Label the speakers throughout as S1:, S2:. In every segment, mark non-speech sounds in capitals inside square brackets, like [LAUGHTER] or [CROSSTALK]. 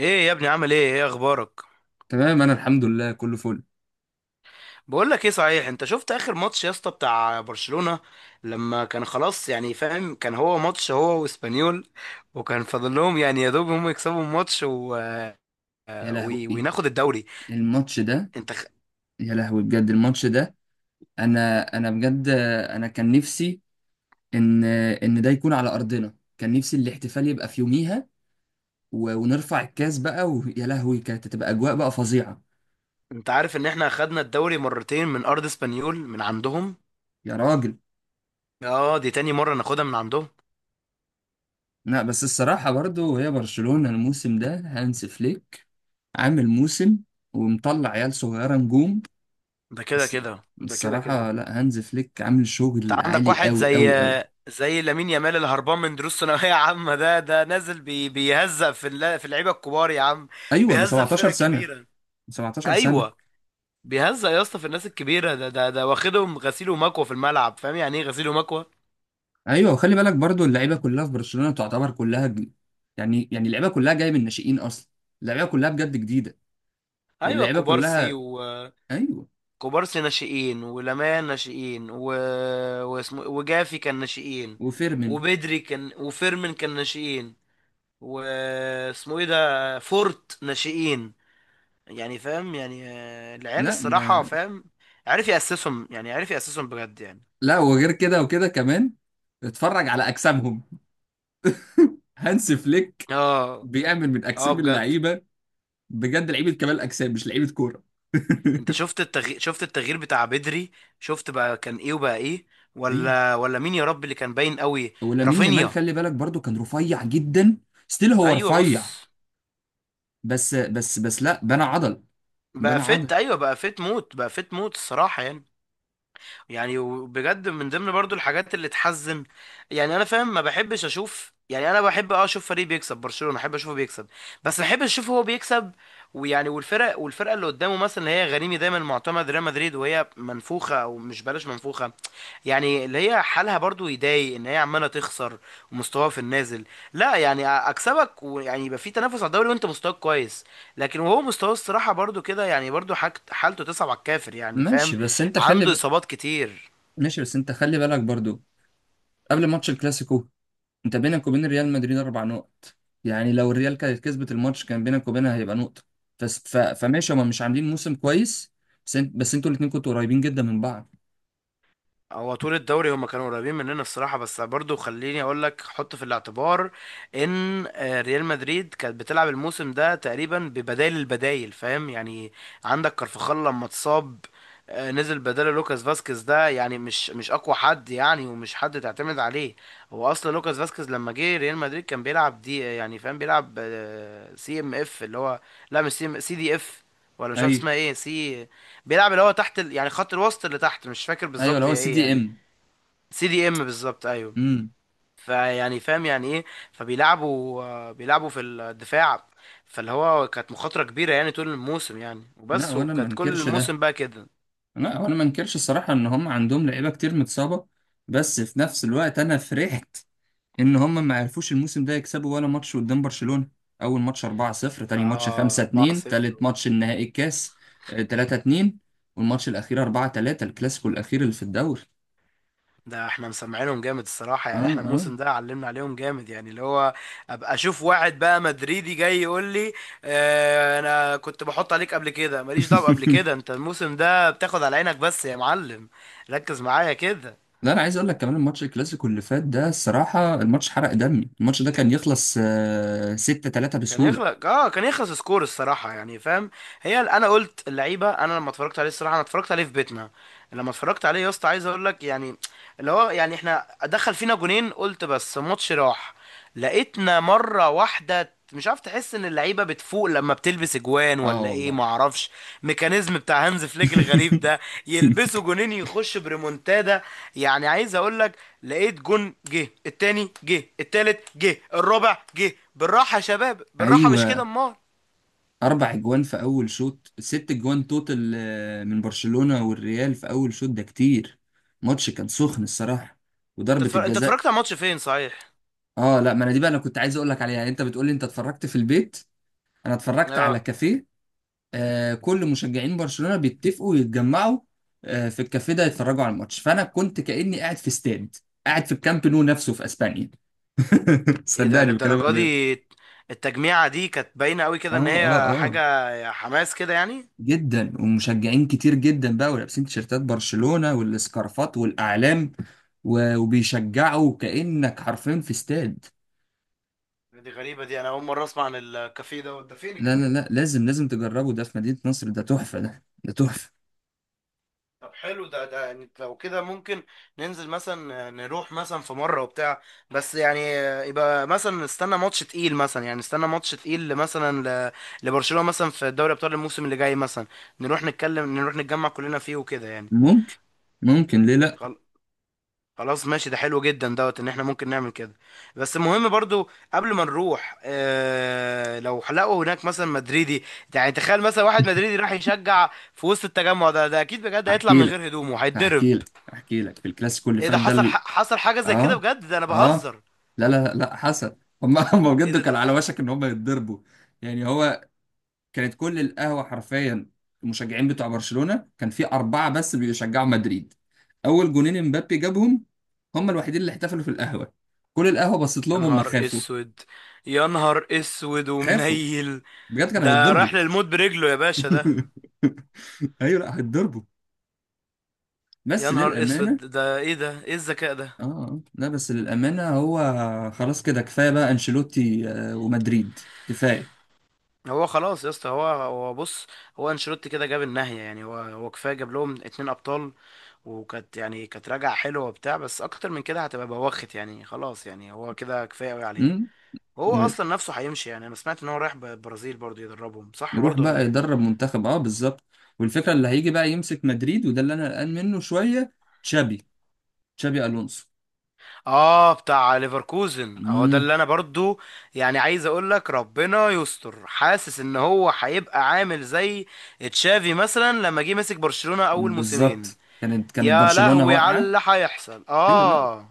S1: ايه يا ابني، عامل ايه؟ اخبارك؟
S2: تمام انا الحمد لله كله فل.
S1: بقول لك ايه، صحيح انت شفت اخر ماتش يا اسطى بتاع برشلونة؟ لما كان خلاص يعني فاهم، كان هو ماتش هو واسبانيول، وكان فاضل لهم يعني يا دوب هم يكسبوا الماتش
S2: يا لهوي
S1: وناخد الدوري.
S2: الماتش ده،
S1: انت خ-
S2: يا لهوي بجد الماتش ده. انا بجد، انا كان نفسي ان ان ده يكون على ارضنا، كان نفسي الاحتفال يبقى في يوميها و- ونرفع الكاس بقى، ويا لهوي كانت هتبقى اجواء بقى فظيعة.
S1: انت عارف ان احنا خدنا الدوري مرتين من ارض اسبانيول، من عندهم.
S2: يا راجل،
S1: اه، دي تاني مرة ناخدها من عندهم.
S2: لا بس الصراحة برضو هي برشلونة الموسم ده، هانس فليك عامل موسم ومطلع عيال صغيرة نجوم.
S1: ده كده
S2: الس-
S1: كده ده كده
S2: الصراحة
S1: كده
S2: لا، هانز فليك عامل
S1: انت
S2: شغل
S1: عندك
S2: عالي
S1: واحد
S2: قوي
S1: زي
S2: قوي قوي.
S1: زي لامين يامال اللي هربان من دروس ثانويه عامه، ده نازل بيهزق في اللعيبه الكبار يا عم،
S2: ايوه ده
S1: بيهزق في
S2: 17
S1: الفرق
S2: سنة،
S1: الكبيره.
S2: 17
S1: ايوه،
S2: سنة.
S1: بيهزق يا اسطى في الناس الكبيره. ده واخدهم غسيل ومكوى في الملعب، فاهم يعني ايه غسيل ومكوى؟
S2: ايوه، وخلي بالك برضو اللعيبة كلها في برشلونة تعتبر يعني يعني اللعيبة كلها جاية من الناشئين اصلا، اللعيبة كلها بجد جديدة،
S1: ايوه،
S2: واللعيبة
S1: كوبارسي
S2: كلها. ايوه
S1: ناشئين، ولامان ناشئين، واسمه، وجافي كان ناشئين،
S2: وفيرمين.
S1: وبدري كان، وفيرمين كان ناشئين، واسمه ايه ده، فورت ناشئين. يعني فاهم يعني، العيال
S2: لا
S1: الصراحة
S2: ما.
S1: فاهم، عارف يأسسهم يعني، عارف يأسسهم بجد يعني.
S2: لا، وغير كده وكده كمان اتفرج على اجسامهم. [LAUGHS] هانس فليك
S1: اه
S2: بيعمل من
S1: اه
S2: اجسام
S1: بجد.
S2: اللعيبة، بجد لعيبة كمال اجسام مش لعيبة كورة.
S1: انت
S2: [LAUGHS]
S1: شفت التغيير، شفت التغيير بتاع بدري؟ شفت بقى كان ايه وبقى ايه؟
S2: ايوه،
S1: ولا مين يا رب اللي كان باين قوي؟
S2: ولامين يامال
S1: رافينيا.
S2: خلي بالك برضو كان رفيع جدا، ستيل هو
S1: ايوه،
S2: رفيع
S1: بص،
S2: بس، لا بنى عضل،
S1: بقى
S2: بنى عضل.
S1: فت، ايوه، بقى فت موت، بقى فت موت الصراحة يعني. يعني وبجد من ضمن برضو الحاجات اللي تحزن يعني، انا فاهم، ما بحبش اشوف يعني، انا بحب اه اشوف فريق بيكسب برشلونة، احب اشوفه بيكسب. بس ما بحبش اشوفه هو بيكسب، ويعني والفرق والفرقه اللي قدامه مثلا، اللي هي غريمي دايما معتمد ريال مدريد، وهي منفوخه، او مش بلاش منفوخه، يعني اللي هي حالها برضو يضايق ان هي عماله تخسر ومستواها في النازل. لا، يعني اكسبك، ويعني يبقى في تنافس على الدوري، وانت مستواك كويس، لكن وهو مستواه الصراحه برضو كده يعني، برضو حالته تصعب على الكافر يعني،
S2: ماشي
S1: فاهم؟
S2: بس انت خلي
S1: عنده
S2: ب...
S1: اصابات كتير.
S2: ماشي، بس انت خلي بالك برضو قبل ماتش الكلاسيكو، انت بينك وبين ريال مدريد اربع نقط، يعني لو الريال كانت كسبت الماتش كان بينك وبينها هيبقى نقطة. فس... ف... فماشي هما مش عاملين موسم كويس، بس انتوا الاتنين كنتوا قريبين جدا من بعض.
S1: هو طول الدوري هما كانوا قريبين مننا الصراحه، بس برضو خليني اقول لك، حط في الاعتبار ان ريال مدريد كانت بتلعب الموسم ده تقريبا ببدائل البدائل، فاهم يعني؟ عندك كارفخال لما اتصاب، نزل بداله لوكاس فاسكيز، ده يعني مش اقوى حد يعني، ومش حد تعتمد عليه. هو اصلا لوكاس فاسكيز لما جه ريال مدريد كان بيلعب دي، يعني فاهم، بيلعب سي ام اف، اللي هو لا مش، سي دي اف، ولا مش عارف
S2: ايوه،
S1: اسمها ايه، سي، بيلعب اللي هو تحت يعني خط الوسط اللي تحت، مش فاكر
S2: ايوه
S1: بالظبط
S2: اللي هو
S1: هي
S2: سي
S1: ايه
S2: دي
S1: يعني.
S2: ام.
S1: سي دي ام بالظبط، ايوه.
S2: امم.
S1: فيعني فاهم يعني ايه، فبيلعبوا بيلعبوا في الدفاع، فاللي هو كانت مخاطرة كبيرة يعني طول الموسم يعني
S2: لا
S1: وبس، وكانت كل الموسم بقى كده.
S2: وانا ما انكرش الصراحة ان هم عندهم لعيبة كتير متصابة، بس في نفس الوقت انا فرحت ان هم ما عرفوش الموسم ده يكسبوا ولا ماتش قدام برشلونة. اول ماتش 4-0، تاني ماتش
S1: اه،
S2: 5-2،
S1: 4-0.
S2: تالت ماتش النهائي الكاس 3-2، والماتش الاخير 4-3 الكلاسيكو الاخير اللي في الدوري.
S1: ده احنا مسمعينهم جامد الصراحة
S2: اه،
S1: يعني، احنا
S2: اه.
S1: الموسم ده علمنا عليهم جامد يعني، اللي هو ابقى اشوف واحد بقى مدريدي جاي يقول لي، اه انا كنت بحط عليك قبل كده، ماليش دعوة قبل
S2: [LAUGHS]
S1: كده، انت الموسم ده بتاخد على عينك بس يا معلم. ركز معايا كده.
S2: لا، انا عايز اقول لك كمان الماتش الكلاسيكو اللي فات ده الصراحة الماتش حرق دمي، الماتش ده كان يخلص 6-3
S1: كان
S2: بسهولة.
S1: يخلق، اه كان يخلص سكور الصراحه يعني، فاهم؟ انا قلت اللعيبه، انا لما اتفرجت عليه الصراحه، انا اتفرجت عليه في بيتنا. لما اتفرجت عليه يا اسطى، عايز اقول لك يعني، اللي هو يعني احنا دخل فينا جونين، قلت بس ماتش راح. لقيتنا مره واحده، مش عارف، تحس ان اللعيبه بتفوق لما بتلبس اجوان،
S2: اه
S1: ولا ايه ما
S2: والله.
S1: اعرفش، ميكانيزم بتاع هانز فليك الغريب ده.
S2: [LAUGHS]
S1: يلبسوا جونين يخش بريمونتادا، يعني عايز اقول لك، لقيت جون جه، التاني جه، التالت جه، الرابع جه، بالراحه يا شباب بالراحه، مش
S2: ايوه،
S1: كده امال.
S2: اربع اجوان في اول شوط، ست اجوان توتال من برشلونة والريال في اول شوط ده كتير. ماتش كان سخن الصراحة، وضربة
S1: انت
S2: الجزاء.
S1: اتفرجت على الماتش فين صحيح؟
S2: اه لا، ما انا دي بقى انا كنت عايز اقول لك عليها، يعني انت بتقول لي انت اتفرجت في البيت، انا اتفرجت على
S1: اه،
S2: كافيه. آه، كل مشجعين برشلونة بيتفقوا يتجمعوا آه في الكافيه ده يتفرجوا على الماتش، فانا كنت كأني قاعد في استاد، قاعد في الكامب نو نفسه في اسبانيا. [LAUGHS]
S1: ايه ده،
S2: صدقني بكلامك
S1: للدرجه
S2: بجد.
S1: دي؟ التجميعه دي كانت باينه قوي
S2: اه
S1: كده ان
S2: اه
S1: هي
S2: اه،
S1: حاجه حماس كده يعني.
S2: جدا. ومشجعين كتير جدا بقى، ولابسين تيشيرتات برشلونة والسكارفات والأعلام، و- وبيشجعوا كأنك حرفيا في استاد.
S1: دي غريبه دي، انا اول مره اسمع عن الكافيه ده، ده فين
S2: لا لا
S1: الكافيه ده؟
S2: لا، لازم لازم تجربه، ده في مدينة نصر، ده تحفة، ده ده تحفة.
S1: طب حلو، ده يعني لو كده ممكن ننزل مثلا نروح مثلا في مرة وبتاع، بس يعني، يبقى مثلا نستنى ماتش تقيل مثلا، يعني نستنى ماتش تقيل مثلا ل- لبرشلونة مثلا في دوري ابطال الموسم اللي جاي مثلا، نروح نتكلم، نروح نتجمع كلنا فيه وكده يعني.
S2: ممكن، ممكن ليه لا.
S1: خل- خلاص ماشي، ده حلو جدا دوت ان احنا ممكن نعمل كده. بس المهم برضو قبل ما نروح، اه لو لقوا هناك مثلا مدريدي، يعني تخيل مثلا واحد مدريدي راح يشجع في وسط التجمع ده، ده اكيد بجد هيطلع
S2: احكي
S1: من
S2: لك،
S1: غير هدومه، هيتضرب.
S2: احكي لك في الكلاسيكو اللي
S1: ايه ده،
S2: فات ده
S1: حصل؟ حصل حاجة زي كده
S2: اه،
S1: بجد؟ ده انا
S2: اه.
S1: بهزر.
S2: لا لا لا حصل. [LAUGHS] هم
S1: ايه
S2: بجد
S1: ده،
S2: كان
S1: ده،
S2: على وشك ان هم يتضربوا، يعني هو كانت كل القهوة حرفيا، المشجعين بتوع برشلونة كان في أربعة بس بيشجعوا مدريد، أول جونين امبابي جابهم، هم الوحيدين اللي احتفلوا في القهوة، كل القهوة بصت
S1: يا
S2: لهم، هم
S1: نهار
S2: خافوا،
S1: اسود، يا نهار اسود
S2: خافوا،
S1: ومنيل.
S2: بجد كانوا
S1: ده
S2: هيتضربوا.
S1: راح للموت برجله يا باشا
S2: [LAUGHS]
S1: ده.
S2: أيوة لا هيتضربوا،
S1: يا
S2: بس
S1: نهار اسود،
S2: للأمانة.
S1: ده ايه ده، ايه الذكاء ده؟
S2: آه لا بس للأمانة هو خلاص كده كفاية بقى أنشيلوتي ومدريد، كفاية.
S1: هو خلاص يا اسطى، هو بص، هو انشيلوتي كده جاب النهاية يعني، هو كفاية، جاب لهم 2 ابطال، وكانت يعني كانت راجعة حلوة وبتاع، بس اكتر من كده هتبقى بوخت يعني، خلاص يعني، هو كده كفاية قوي عليه.
S2: امم.
S1: هو اصلا نفسه هيمشي يعني، انا سمعت ان هو رايح البرازيل برضه يدربهم، صح
S2: يروح
S1: برضه ولا
S2: بقى
S1: ايه؟
S2: يدرب منتخب، اه بالظبط. والفكره اللي هيجي بقى يمسك مدريد وده اللي انا قلقان منه شويه، تشابي، تشابي الونسو.
S1: اه، بتاع ليفركوزن اهو ده،
S2: امم.
S1: اللي انا برضو يعني عايز اقول لك، ربنا يستر. حاسس ان هو هيبقى عامل زي تشافي مثلا لما جه مسك برشلونة اول موسمين.
S2: بالظبط، كانت
S1: يا
S2: برشلونه
S1: لهوي على
S2: واقعه.
S1: اللي هيحصل،
S2: ايوه لا،
S1: اه.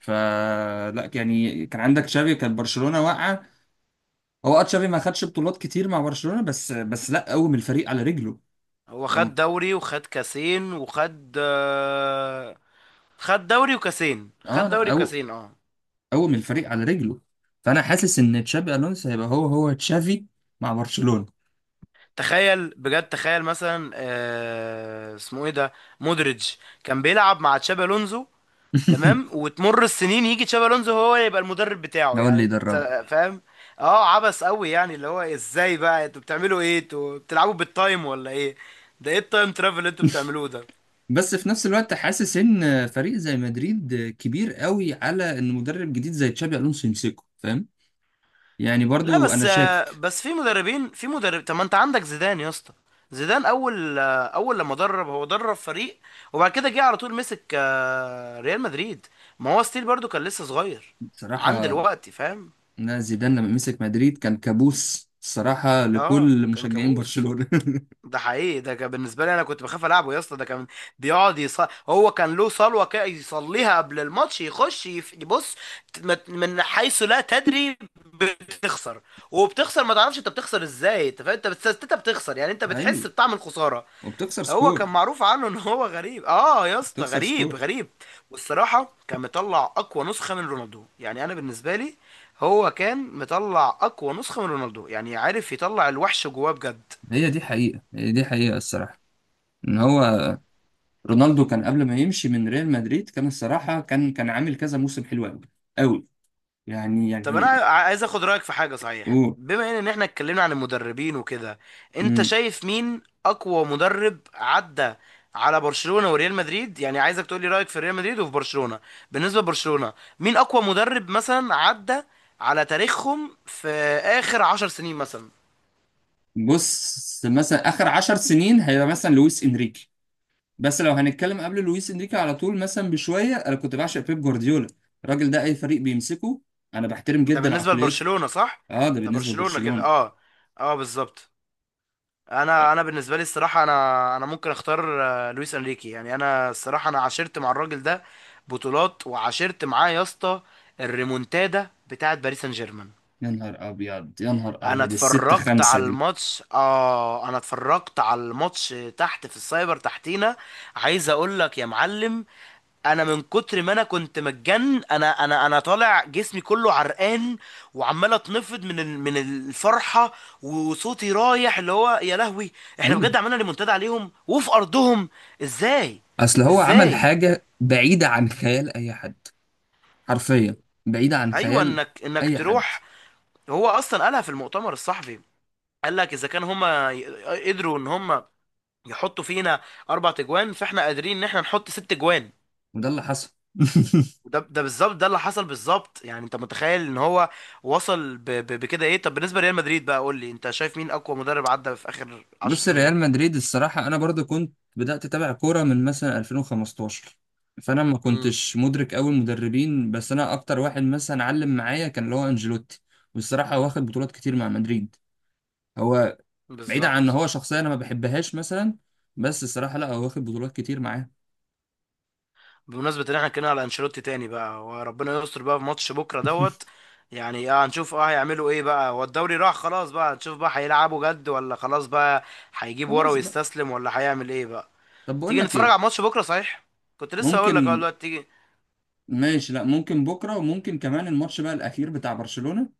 S2: فلا يعني كان عندك تشابي، كانت برشلونه واقعه، هو اه تشابي ما خدش بطولات كتير مع برشلونه بس، لا قوم الفريق على رجله.
S1: هو
S2: أو...
S1: خد دوري وخد كاسين وخد آه،
S2: اه
S1: خد
S2: لا
S1: دوري وكاسين، اه.
S2: قوم الفريق على رجله. فانا حاسس ان تشابي الونسو هيبقى هو هو تشافي مع برشلونه.
S1: تخيل بجد، تخيل مثلا، آه اسمه ايه ده، مودريتش كان بيلعب مع تشابي الونزو، تمام؟
S2: [LAUGHS]
S1: وتمر السنين يجي تشابي الونزو هو يبقى المدرب بتاعه
S2: ده هو اللي
S1: يعني،
S2: يدربه.
S1: فاهم؟ اه، عبث قوي يعني، اللي هو ازاي بقى انتوا بتعملوا ايه، انتوا بتلعبوا بالتايم ولا ايه؟ ده ايه التايم ترافل اللي انتوا بتعملوه ده؟
S2: بس في نفس الوقت حاسس ان فريق زي مدريد كبير قوي على ان مدرب جديد زي تشابي الونسو يمسكه، فاهم؟ يعني
S1: لا
S2: برضو
S1: بس
S2: انا شاكك.
S1: في مدربين، في مدرب، طب ما انت عندك زيدان يا اسطى. زيدان اول، اول لما درب، هو درب فريق، وبعد كده جه على طول مسك ريال مدريد. ما هو ستيل برضو كان لسه صغير عند
S2: بصراحه
S1: الوقت، فاهم؟
S2: ان زيدان لما مسك مدريد كان كابوس الصراحه
S1: اه
S2: لكل
S1: كان
S2: مشجعين
S1: كابوس،
S2: برشلونه.
S1: ده حقيقي، ده كان بالنسبه لي انا كنت بخاف العبه يا اسطى. ده كان بيقعد يص... هو كان له صلوه كده يصليها قبل الماتش، يخش يبص من حيث لا تدري بتخسر، وبتخسر ما تعرفش انت بتخسر ازاي، انت فاهم، انت بتخسر يعني، انت
S2: [LAUGHS]
S1: بتحس
S2: ايوه،
S1: بطعم الخساره.
S2: وبتخسر
S1: هو
S2: سكور،
S1: كان معروف عنه ان هو غريب، اه يا اسطى
S2: بتخسر
S1: غريب
S2: سكور.
S1: غريب. والصراحه كان مطلع اقوى نسخه من رونالدو يعني، انا بالنسبه لي، هو كان مطلع اقوى نسخه من رونالدو يعني، عارف يطلع الوحش جواه بجد.
S2: هي دي حقيقه، هي دي حقيقه الصراحه، ان هو رونالدو كان قبل ما يمشي من ريال مدريد كان الصراحه كان عامل كذا موسم حلو قوي قوي، يعني
S1: طب انا،
S2: يعني.
S1: عايز اخد رايك في حاجه صحيح،
S2: اوه.
S1: بما ان احنا اتكلمنا عن المدربين وكده. انت شايف مين اقوى مدرب عدى على برشلونه وريال مدريد؟ يعني عايزك تقول لي رايك في ريال مدريد وفي برشلونه. بالنسبه لبرشلونه، مين اقوى مدرب مثلا عدى على تاريخهم في اخر 10 سنين مثلا؟
S2: بص مثلا اخر عشر سنين هيبقى مثلا لويس انريكي، بس لو هنتكلم قبل لويس انريكي على طول مثلا بشويه انا كنت بعشق بيب جوارديولا، الراجل ده اي فريق بيمسكه انا بحترم
S1: ده
S2: جدا
S1: بالنسبه
S2: عقليته.
S1: لبرشلونه، صح؟
S2: اه ده
S1: ده
S2: بالنسبه
S1: برشلونه كده،
S2: لبرشلونه.
S1: اه. اه بالظبط. انا بالنسبه لي الصراحه، انا ممكن اختار لويس انريكي يعني. انا الصراحه انا عاشرت مع الراجل ده بطولات، وعاشرت معاه يا اسطى الريمونتادا بتاعت باريس سان جيرمان.
S2: يا نهار ابيض، يا نهار
S1: انا
S2: ابيض الستة
S1: اتفرجت
S2: خمسة
S1: على
S2: دي.
S1: الماتش، اه انا اتفرجت على الماتش تحت في السايبر تحتينا. عايز اقول لك يا معلم، انا من كتر ما انا كنت متجن، انا طالع جسمي كله عرقان، وعمال اتنفض من الفرحه، وصوتي رايح، اللي هو يا لهوي، احنا
S2: ايوه.
S1: بجد عملنا ريمونتادا عليهم وفي ارضهم؟ ازاي؟
S2: اصل هو عمل
S1: ازاي؟
S2: حاجة بعيدة عن خيال اي حد، حرفيا بعيدة عن
S1: ايوه،
S2: خيال
S1: انك انك
S2: اي حد.
S1: تروح. هو اصلا قالها في المؤتمر الصحفي، قال لك اذا كان هما قدروا ان هما يحطوا فينا 4 تجوان، فاحنا قادرين ان احنا نحط 6 جوان.
S2: وده اللي حصل. [LAUGHS]
S1: ده بالظبط، ده اللي حصل بالظبط يعني، انت متخيل ان هو وصل بكده؟ ايه طب بالنسبه لريال مدريد بقى، قول لي انت شايف مين اقوى مدرب عدى في اخر 10
S2: بص
S1: سنين؟
S2: ريال مدريد الصراحة أنا برضو كنت بدأت أتابع كورة من مثلا 2015، فأنا ما
S1: امم،
S2: كنتش مدرك أوي المدربين، بس أنا أكتر واحد مثلا علم معايا كان اللي هو أنجيلوتي، والصراحة هو واخد بطولات كتير مع مدريد، هو. بعيد عن إن
S1: بالظبط.
S2: هو شخصية أنا ما بحبهاش مثلا، بس الصراحة لا هو واخد بطولات كتير معاه.
S1: بمناسبه ان احنا اتكلمنا على انشيلوتي تاني بقى، وربنا يستر بقى في ماتش بكره دوت، يعني اه هنشوف اه هيعملوا ايه بقى، هو الدوري راح خلاص بقى، هنشوف بقى هيلعبوا جد ولا خلاص بقى هيجيب ورا
S2: خلاص بقى.
S1: ويستسلم، ولا هيعمل ايه بقى.
S2: طب بقول
S1: تيجي
S2: لك
S1: نتفرج
S2: إيه.
S1: على ماتش بكره صحيح؟ كنت لسه هقول لك، اه
S2: ممكن.
S1: دلوقتي تيجي.
S2: ماشي لا ممكن بكرة، وممكن كمان الماتش بقى الأخير بتاع برشلونة،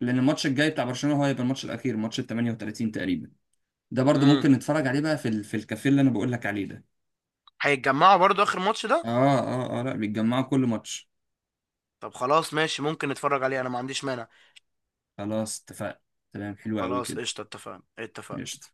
S2: لأن الماتش الجاي بتاع برشلونة هو هيبقى الماتش الأخير، ماتش ال 38 تقريبا، ده برضو
S1: امم،
S2: ممكن نتفرج عليه بقى في في الكافيه اللي انا بقول لك عليه ده.
S1: هيتجمعوا برضو اخر ماتش ده؟
S2: اه اه اه، لا بيتجمعوا كل ماتش.
S1: طب خلاص ماشي، ممكن نتفرج عليه، انا ما عنديش مانع.
S2: خلاص اتفقنا، تمام حلو قوي
S1: خلاص
S2: كده.
S1: قشطة، اتفقنا اتفقنا.
S2: قشطة.